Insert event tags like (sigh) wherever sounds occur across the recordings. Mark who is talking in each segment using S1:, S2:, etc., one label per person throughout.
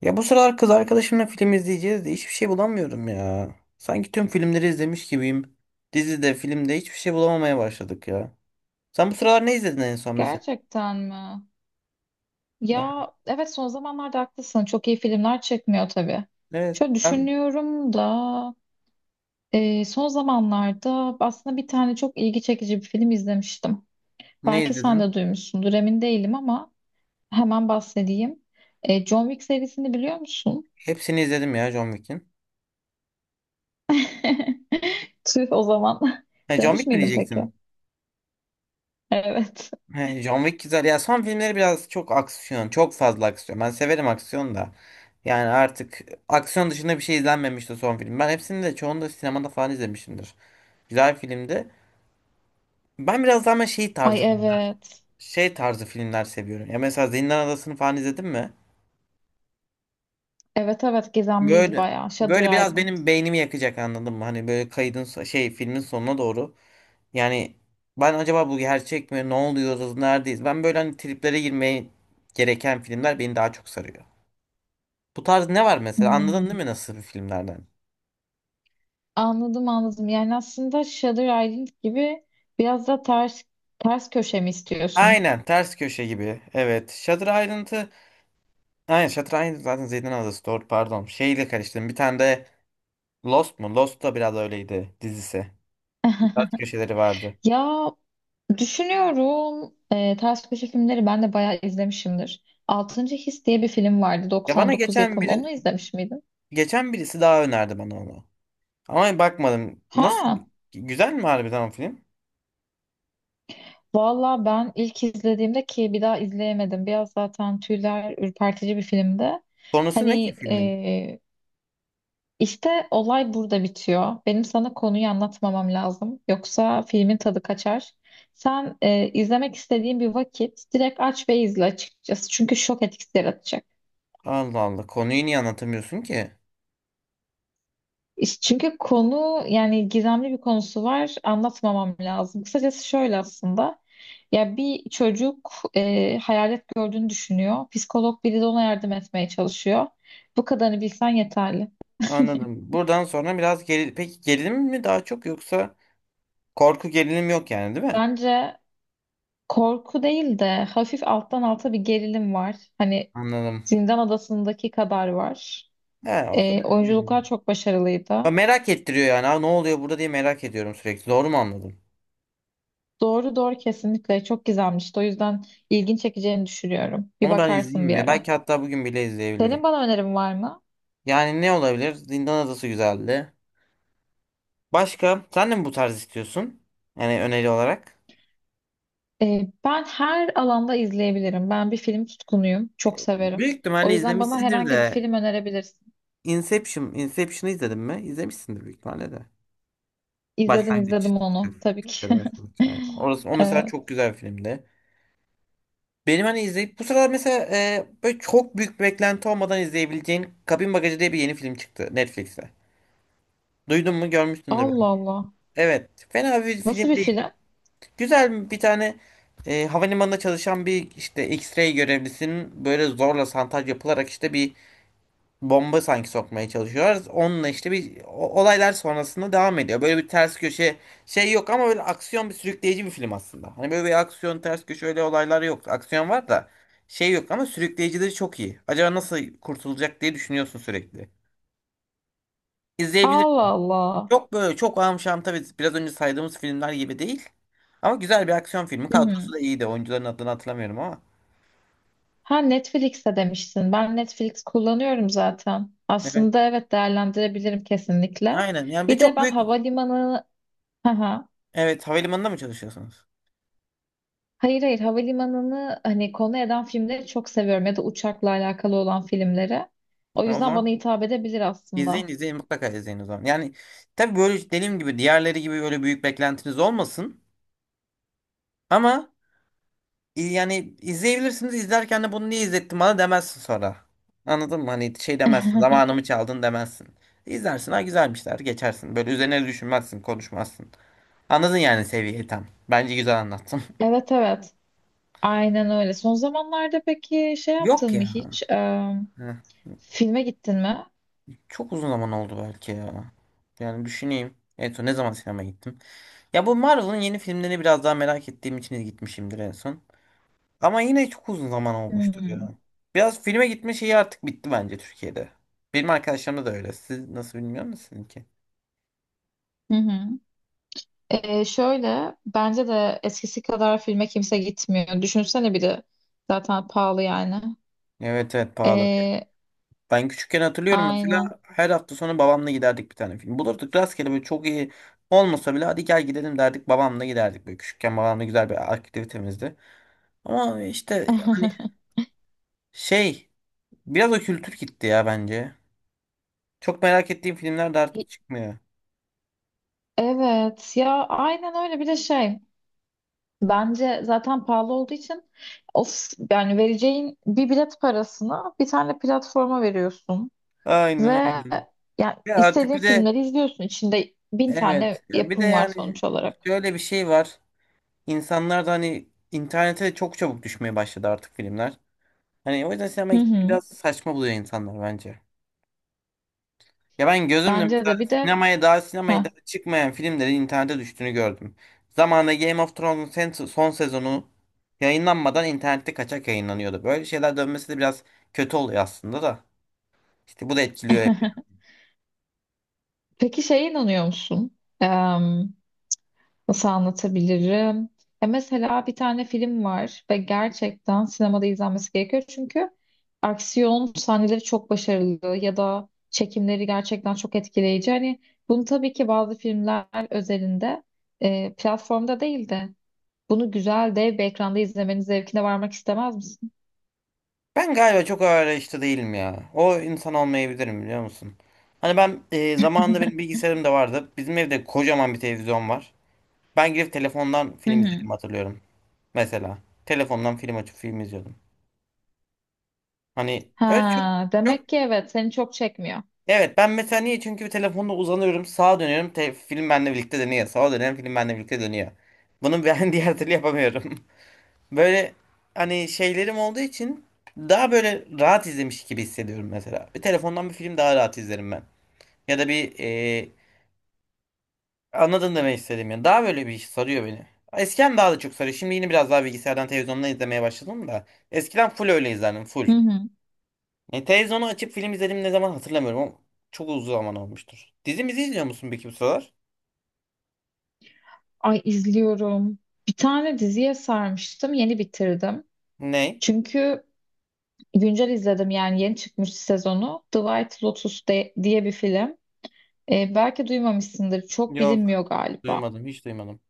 S1: Ya bu sıralar kız arkadaşımla film izleyeceğiz de hiçbir şey bulamıyorum ya. Sanki tüm filmleri izlemiş gibiyim. Dizide, filmde hiçbir şey bulamamaya başladık ya. Sen bu sıralar ne izledin en son mesela?
S2: Gerçekten mi?
S1: (laughs) Ha,
S2: Ya evet, son zamanlarda haklısın. Çok iyi filmler çekmiyor tabii.
S1: evet,
S2: Şöyle
S1: ben
S2: düşünüyorum da son zamanlarda aslında bir tane çok ilgi çekici bir film izlemiştim.
S1: ne
S2: Belki sen
S1: izledim?
S2: de duymuşsundur, emin değilim ama hemen bahsedeyim. John Wick serisini biliyor musun?
S1: Hepsini izledim ya John Wick'in.
S2: (laughs) Tüh o zaman. (laughs)
S1: He, John
S2: Demiş
S1: Wick mi
S2: miydin peki?
S1: diyecektin?
S2: Evet.
S1: He, John Wick güzel. Ya son filmleri biraz çok aksiyon, çok fazla aksiyon. Ben severim aksiyon da. Yani artık aksiyon dışında bir şey izlenmemişti son film. Ben hepsini de çoğunu da sinemada falan izlemişimdir. Güzel filmdi. Ben biraz daha ama şey
S2: Ay
S1: tarzı,
S2: evet.
S1: şey tarzı filmler seviyorum. Ya mesela Zindan Adası'nı falan izledin mi?
S2: Evet, evet, gizemliydi
S1: Böyle
S2: bayağı.
S1: böyle
S2: Shutter
S1: biraz
S2: Island.
S1: benim beynimi yakacak, anladın mı? Hani böyle kaydın şey filmin sonuna doğru. Yani ben acaba bu gerçek mi? Ne oluyoruz? Neredeyiz? Ben böyle hani triplere girmeye gereken filmler beni daha çok sarıyor. Bu tarz ne var mesela? Anladın değil
S2: Hmm.
S1: mi nasıl bir filmlerden?
S2: Anladım, anladım. Yani aslında Shutter Island gibi biraz da ters köşe mi istiyorsun?
S1: Aynen ters köşe gibi. Evet. Shutter Island'ı aynen, Shutter Island zaten Zindan Adası, doğru, pardon. Şeyle karıştırdım. Bir tane de Lost mu? Lost da biraz öyleydi dizisi.
S2: (laughs)
S1: Ters köşeleri vardı.
S2: Ya düşünüyorum, ters köşe filmleri ben de bayağı izlemişimdir. Altıncı His diye bir film vardı,
S1: Ya bana
S2: 99
S1: geçen
S2: yapım.
S1: biri
S2: Onu izlemiş miydin?
S1: geçen birisi daha önerdi bana onu. Ama bakmadım. Nasıl?
S2: Ha,
S1: Güzel mi harbiden o film?
S2: valla ben ilk izlediğimde, ki bir daha izleyemedim. Biraz zaten tüyler ürpertici bir filmdi.
S1: Konusu ne ki
S2: Hani
S1: filmin?
S2: e, İşte olay burada bitiyor. Benim sana konuyu anlatmamam lazım. Yoksa filmin tadı kaçar. Sen izlemek istediğin bir vakit direkt aç ve izle açıkçası. Çünkü şok etkisi yaratacak.
S1: Allah Allah. Konuyu niye anlatamıyorsun ki?
S2: Çünkü konu, yani gizemli bir konusu var. Anlatmamam lazım. Kısacası şöyle aslında. Ya bir çocuk hayalet gördüğünü düşünüyor. Psikolog biri de ona yardım etmeye çalışıyor. Bu kadarını bilsen yeterli.
S1: Anladım. Buradan sonra biraz geri... Peki gerilim mi daha çok, yoksa korku gerilim yok yani değil mi?
S2: Bence korku değil de hafif alttan alta bir gerilim var. Hani
S1: Anladım.
S2: Zindan Adası'ndaki kadar var.
S1: He, o kadar değil.
S2: Oyunculuklar çok
S1: Ya
S2: başarılıydı.
S1: merak ettiriyor yani. Aa, ne oluyor burada diye merak ediyorum sürekli. Doğru mu anladım?
S2: Doğru, doğru, kesinlikle çok güzelmişti. O yüzden ilgin çekeceğini düşünüyorum. Bir
S1: Onu ben izleyeyim
S2: bakarsın bir
S1: mi?
S2: ara.
S1: Belki hatta bugün bile izleyebilirim.
S2: Senin bana önerin var mı?
S1: Yani ne olabilir? Zindan Adası güzeldi. Başka sen de mi bu tarz istiyorsun? Yani öneri olarak.
S2: Ben her alanda izleyebilirim. Ben bir film tutkunuyum. Çok severim.
S1: Büyük
S2: O
S1: ihtimalle
S2: yüzden bana
S1: izlemişsindir
S2: herhangi bir
S1: de
S2: film önerebilirsin.
S1: Inception, Inception'ı izledin mi? İzlemişsindir büyük ihtimalle de.
S2: İzledim,
S1: Başlangıç.
S2: izledim onu tabii
S1: Türkçe'de
S2: ki.
S1: başlangıç. Aynen.
S2: (laughs)
S1: Orası, o mesela
S2: Ee,
S1: çok güzel bir filmdi. Benim hani izleyip bu sıralar mesela böyle çok büyük beklenti olmadan izleyebileceğin Kabin Bagajı diye bir yeni film çıktı Netflix'te. Duydun mu? Görmüşsündür
S2: Allah
S1: belki.
S2: Allah.
S1: Evet. Fena bir
S2: Nasıl
S1: film
S2: bir
S1: değil.
S2: film?
S1: Güzel bir tane, havalimanında çalışan bir işte X-ray görevlisinin böyle zorla santaj yapılarak işte bir bomba sanki sokmaya çalışıyorlar. Onunla işte bir olaylar sonrasında devam ediyor. Böyle bir ters köşe şey yok ama böyle aksiyon bir sürükleyici bir film aslında. Hani böyle bir aksiyon ters köşe öyle olaylar yok. Aksiyon var da şey yok ama sürükleyicileri çok iyi. Acaba nasıl kurtulacak diye düşünüyorsun sürekli. İzleyebilirsin.
S2: Allah Allah.
S1: Çok böyle çok amşam tabii biraz önce saydığımız filmler gibi değil. Ama güzel bir aksiyon filmi.
S2: Hı
S1: Kadrosu
S2: hı.
S1: da iyiydi. Oyuncuların adını hatırlamıyorum ama.
S2: Ha, Netflix'te demiştin. Ben Netflix kullanıyorum zaten.
S1: Evet.
S2: Aslında evet, değerlendirebilirim kesinlikle.
S1: Aynen. Yani bir
S2: Bir de
S1: çok
S2: ben
S1: büyük.
S2: havalimanı, ha,
S1: Evet. Havalimanında mı çalışıyorsunuz?
S2: hayır, hayır, havalimanını hani konu eden filmleri çok seviyorum ya da uçakla alakalı olan filmleri. O
S1: Ha, o
S2: yüzden bana
S1: zaman
S2: hitap edebilir
S1: izleyin
S2: aslında.
S1: izleyin mutlaka izleyin o zaman. Yani tabii böyle dediğim gibi diğerleri gibi öyle büyük beklentiniz olmasın. Ama yani izleyebilirsiniz. İzlerken de bunu niye izlettin bana demezsin sonra. Anladın mı? Hani şey demezsin. Zamanımı
S2: (laughs)
S1: çaldın demezsin. İzlersin. Ha güzelmişler. Geçersin. Böyle üzerine düşünmezsin. Konuşmazsın. Anladın yani seviyeyi tam. Bence güzel anlattım.
S2: Evet, evet. Aynen öyle. Son zamanlarda peki şey
S1: (laughs) Yok
S2: yaptın mı
S1: ya.
S2: hiç?
S1: Heh.
S2: Filme gittin mi?
S1: Çok uzun zaman oldu belki ya. Yani düşüneyim. En son ne zaman sinemaya gittim? Ya bu Marvel'ın yeni filmlerini biraz daha merak ettiğim için gitmişimdir en son. Ama yine çok uzun zaman olmuştur ya.
S2: Hmm.
S1: Biraz filme gitme şeyi artık bitti bence Türkiye'de. Benim arkadaşlarımda da öyle. Siz nasıl bilmiyor musunuz ki?
S2: Hı hı. Şöyle bence de eskisi kadar filme kimse gitmiyor. Düşünsene, bir de zaten pahalı yani.
S1: Evet evet pahalı.
S2: Ee,
S1: Ben küçükken hatırlıyorum
S2: aynen.
S1: mesela her hafta sonu babamla giderdik bir tane film. Bulurduk rastgele böyle çok iyi olmasa bile hadi gel gidelim derdik, babamla giderdik. Böyle küçükken babamla güzel bir aktivitemizdi. Ama işte hani
S2: (laughs)
S1: şey, biraz o kültür gitti ya bence. Çok merak ettiğim filmler de artık çıkmıyor.
S2: Evet ya, aynen öyle, bir de şey. Bence zaten pahalı olduğu için, of, yani vereceğin bir bilet parasını bir tane platforma veriyorsun. Ve
S1: Aynen öyle.
S2: yani
S1: Ya artık
S2: istediğin
S1: bir de
S2: filmleri izliyorsun. İçinde bin
S1: evet
S2: tane
S1: ya bir de
S2: yapım var
S1: yani
S2: sonuç olarak.
S1: şöyle bir şey var. İnsanlar da hani internete de çok çabuk düşmeye başladı artık filmler. Hani o yüzden sinemaya
S2: Hı
S1: gitmeyi
S2: hı.
S1: biraz saçma buluyor insanlar bence. Ya ben gözümle
S2: Bence
S1: mesela
S2: de, bir de
S1: sinemaya daha sinemaya
S2: ha.
S1: daha çıkmayan filmlerin internete düştüğünü gördüm. Zamanında Game of Thrones'un son sezonu yayınlanmadan internette kaçak yayınlanıyordu. Böyle şeyler dönmesi de biraz kötü oluyor aslında da. İşte bu da etkiliyor hep.
S2: (laughs) Peki şeye inanıyor musun? Nasıl anlatabilirim? Ya mesela bir tane film var ve gerçekten sinemada izlenmesi gerekiyor. Çünkü aksiyon sahneleri çok başarılı ya da çekimleri gerçekten çok etkileyici. Hani bunu tabii ki bazı filmler özelinde platformda değildi. Bunu güzel, dev bir ekranda izlemenin zevkine varmak istemez misin?
S1: Ben galiba çok ağır arayışta değilim ya. O insan olmayabilirim biliyor musun? Hani ben zamanında benim bilgisayarım da vardı. Bizim evde kocaman bir televizyon var. Ben girip telefondan
S2: Hı
S1: film
S2: hı.
S1: izledim hatırlıyorum. Mesela telefondan film açıp film izliyordum. Hani öyle
S2: Ha,
S1: çok,
S2: demek ki evet, seni çok çekmiyor.
S1: evet ben mesela niye? Çünkü bir telefonda uzanıyorum sağa dönüyorum film benimle birlikte dönüyor. Sağa dönüyorum film benimle birlikte dönüyor. Bunu ben (laughs) diğer türlü yapamıyorum. Böyle hani şeylerim olduğu için daha böyle rahat izlemiş gibi hissediyorum mesela. Bir telefondan bir film daha rahat izlerim ben. Ya da bir anladın demek istedim yani. Daha böyle bir iş sarıyor beni. Eskiden daha da çok sarıyor. Şimdi yine biraz daha bilgisayardan televizyondan izlemeye başladım da. Eskiden full öyle izlerdim full.
S2: Hı hı.
S1: E, televizyonu açıp film izledim ne zaman hatırlamıyorum ama çok uzun zaman olmuştur. Dizimizi izliyor musun peki bu sıralar?
S2: Ay, izliyorum. Bir tane diziye sarmıştım, yeni bitirdim.
S1: Ne?
S2: Çünkü güncel izledim, yani yeni çıkmış sezonu. The White Lotus diye bir film. Belki duymamışsındır. Çok
S1: Yok.
S2: bilinmiyor galiba.
S1: Duymadım. Hiç duymadım.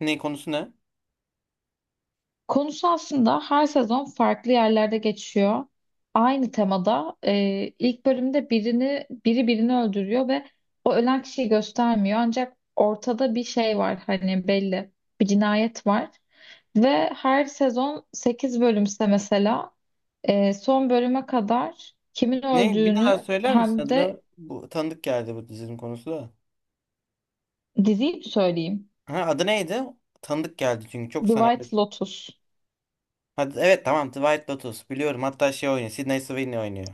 S1: Ne konusu ne?
S2: Konusu aslında her sezon farklı yerlerde geçiyor. Aynı temada ilk bölümde biri birini öldürüyor ve o ölen kişiyi göstermiyor. Ancak ortada bir şey var, hani belli, bir cinayet var. Ve her sezon 8 bölümse mesela son bölüme kadar kimin
S1: Ne? Bir daha
S2: öldüğünü
S1: söyler misin
S2: hem de
S1: adını? Bu tanıdık geldi bu dizinin konusu da.
S2: diziyi mi söyleyeyim?
S1: Ha, adı neydi? Tanıdık geldi çünkü çok
S2: The
S1: sana.
S2: White Lotus.
S1: Hadi, evet tamam The White Lotus biliyorum, hatta şey oynuyor, Sydney Sweeney oynuyor.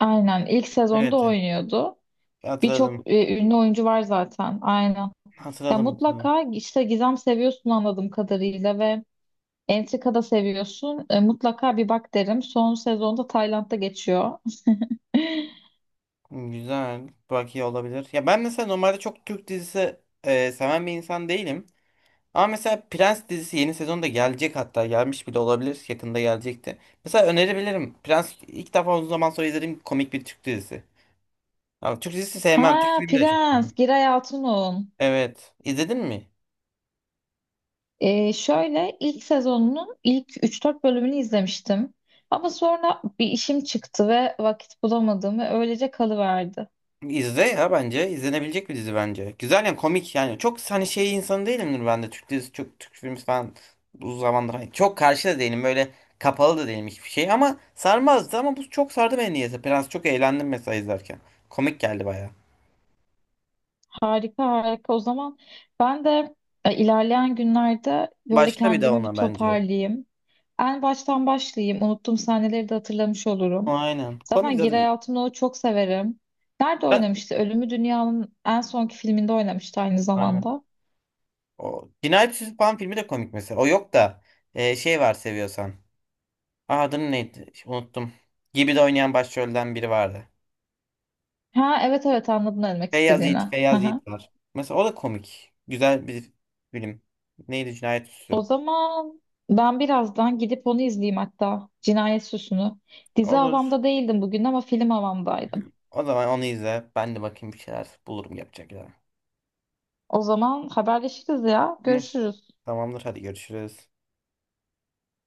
S2: Aynen, ilk sezonda
S1: Evet
S2: oynuyordu. Birçok
S1: hatırladım.
S2: ünlü oyuncu var zaten. Aynen. Ya
S1: Hatırladım.
S2: mutlaka işte gizem seviyorsun anladığım kadarıyla ve entrika da seviyorsun. Mutlaka bir bak derim. Son sezonda Tayland'da geçiyor. (laughs)
S1: Güzel. Belki olabilir. Ya ben mesela normalde çok Türk dizisi seven bir insan değilim. Ama mesela Prens dizisi yeni sezonda gelecek, hatta gelmiş bile olabilir. Yakında gelecekti. Mesela önerebilirim. Prens ilk defa uzun zaman sonra izlediğim komik bir Türk dizisi. Ama Türk dizisi sevmem. Türk
S2: Ha,
S1: filmi de çok
S2: Prens,
S1: sevmem.
S2: Giray Altun'un.
S1: Evet. İzledin mi?
S2: Şöyle ilk sezonunun ilk üç dört bölümünü izlemiştim. Ama sonra bir işim çıktı ve vakit bulamadım ve öylece kalıverdi.
S1: İzle ya bence. İzlenebilecek bir dizi bence. Güzel yani, komik yani. Çok hani şey insanı değilimdir ben de. Türk dizisi çok Türk filmi falan uzun zamandır, hani çok karşı da değilim. Böyle kapalı da değilim hiçbir şey. Ama sarmazdı ama bu çok sardı beni niyeyse. Prens çok eğlendim mesela izlerken. Komik geldi baya.
S2: Harika, harika. O zaman ben de ilerleyen günlerde böyle
S1: Başla bir daha
S2: kendimi bir
S1: ona bence.
S2: toparlayayım. En baştan başlayayım. Unuttuğum sahneleri de hatırlamış olurum.
S1: Aynen. Komik
S2: Zaten Giray
S1: zaten.
S2: Altınok'u çok severim. Nerede
S1: Ben-
S2: oynamıştı? Ölümü Dünya'nın en sonki filminde oynamıştı aynı
S1: Aynen.
S2: zamanda.
S1: O Cinayet Süsü Pan filmi de komik mesela. O yok da şey var seviyorsan. Aa, adını neydi? Unuttum. Gibi de oynayan başrolden biri vardı.
S2: Ha evet, evet, anladım ne demek
S1: Feyyaz
S2: istediğini.
S1: Yiğit,
S2: Hı
S1: Feyyaz
S2: hı.
S1: Yiğit var. Mesela o da komik. Güzel bir film. Neydi Cinayet
S2: O
S1: Süsü?
S2: zaman ben birazdan gidip onu izleyeyim hatta. Cinayet Süsü'nü. Dizi
S1: Olur.
S2: havamda değildim bugün ama film havamdaydım.
S1: O zaman onu izle. Ben de bakayım bir şeyler bulurum yapacak ya.
S2: O zaman haberleşiriz ya.
S1: Tamam.
S2: Görüşürüz.
S1: Tamamdır. Hadi görüşürüz.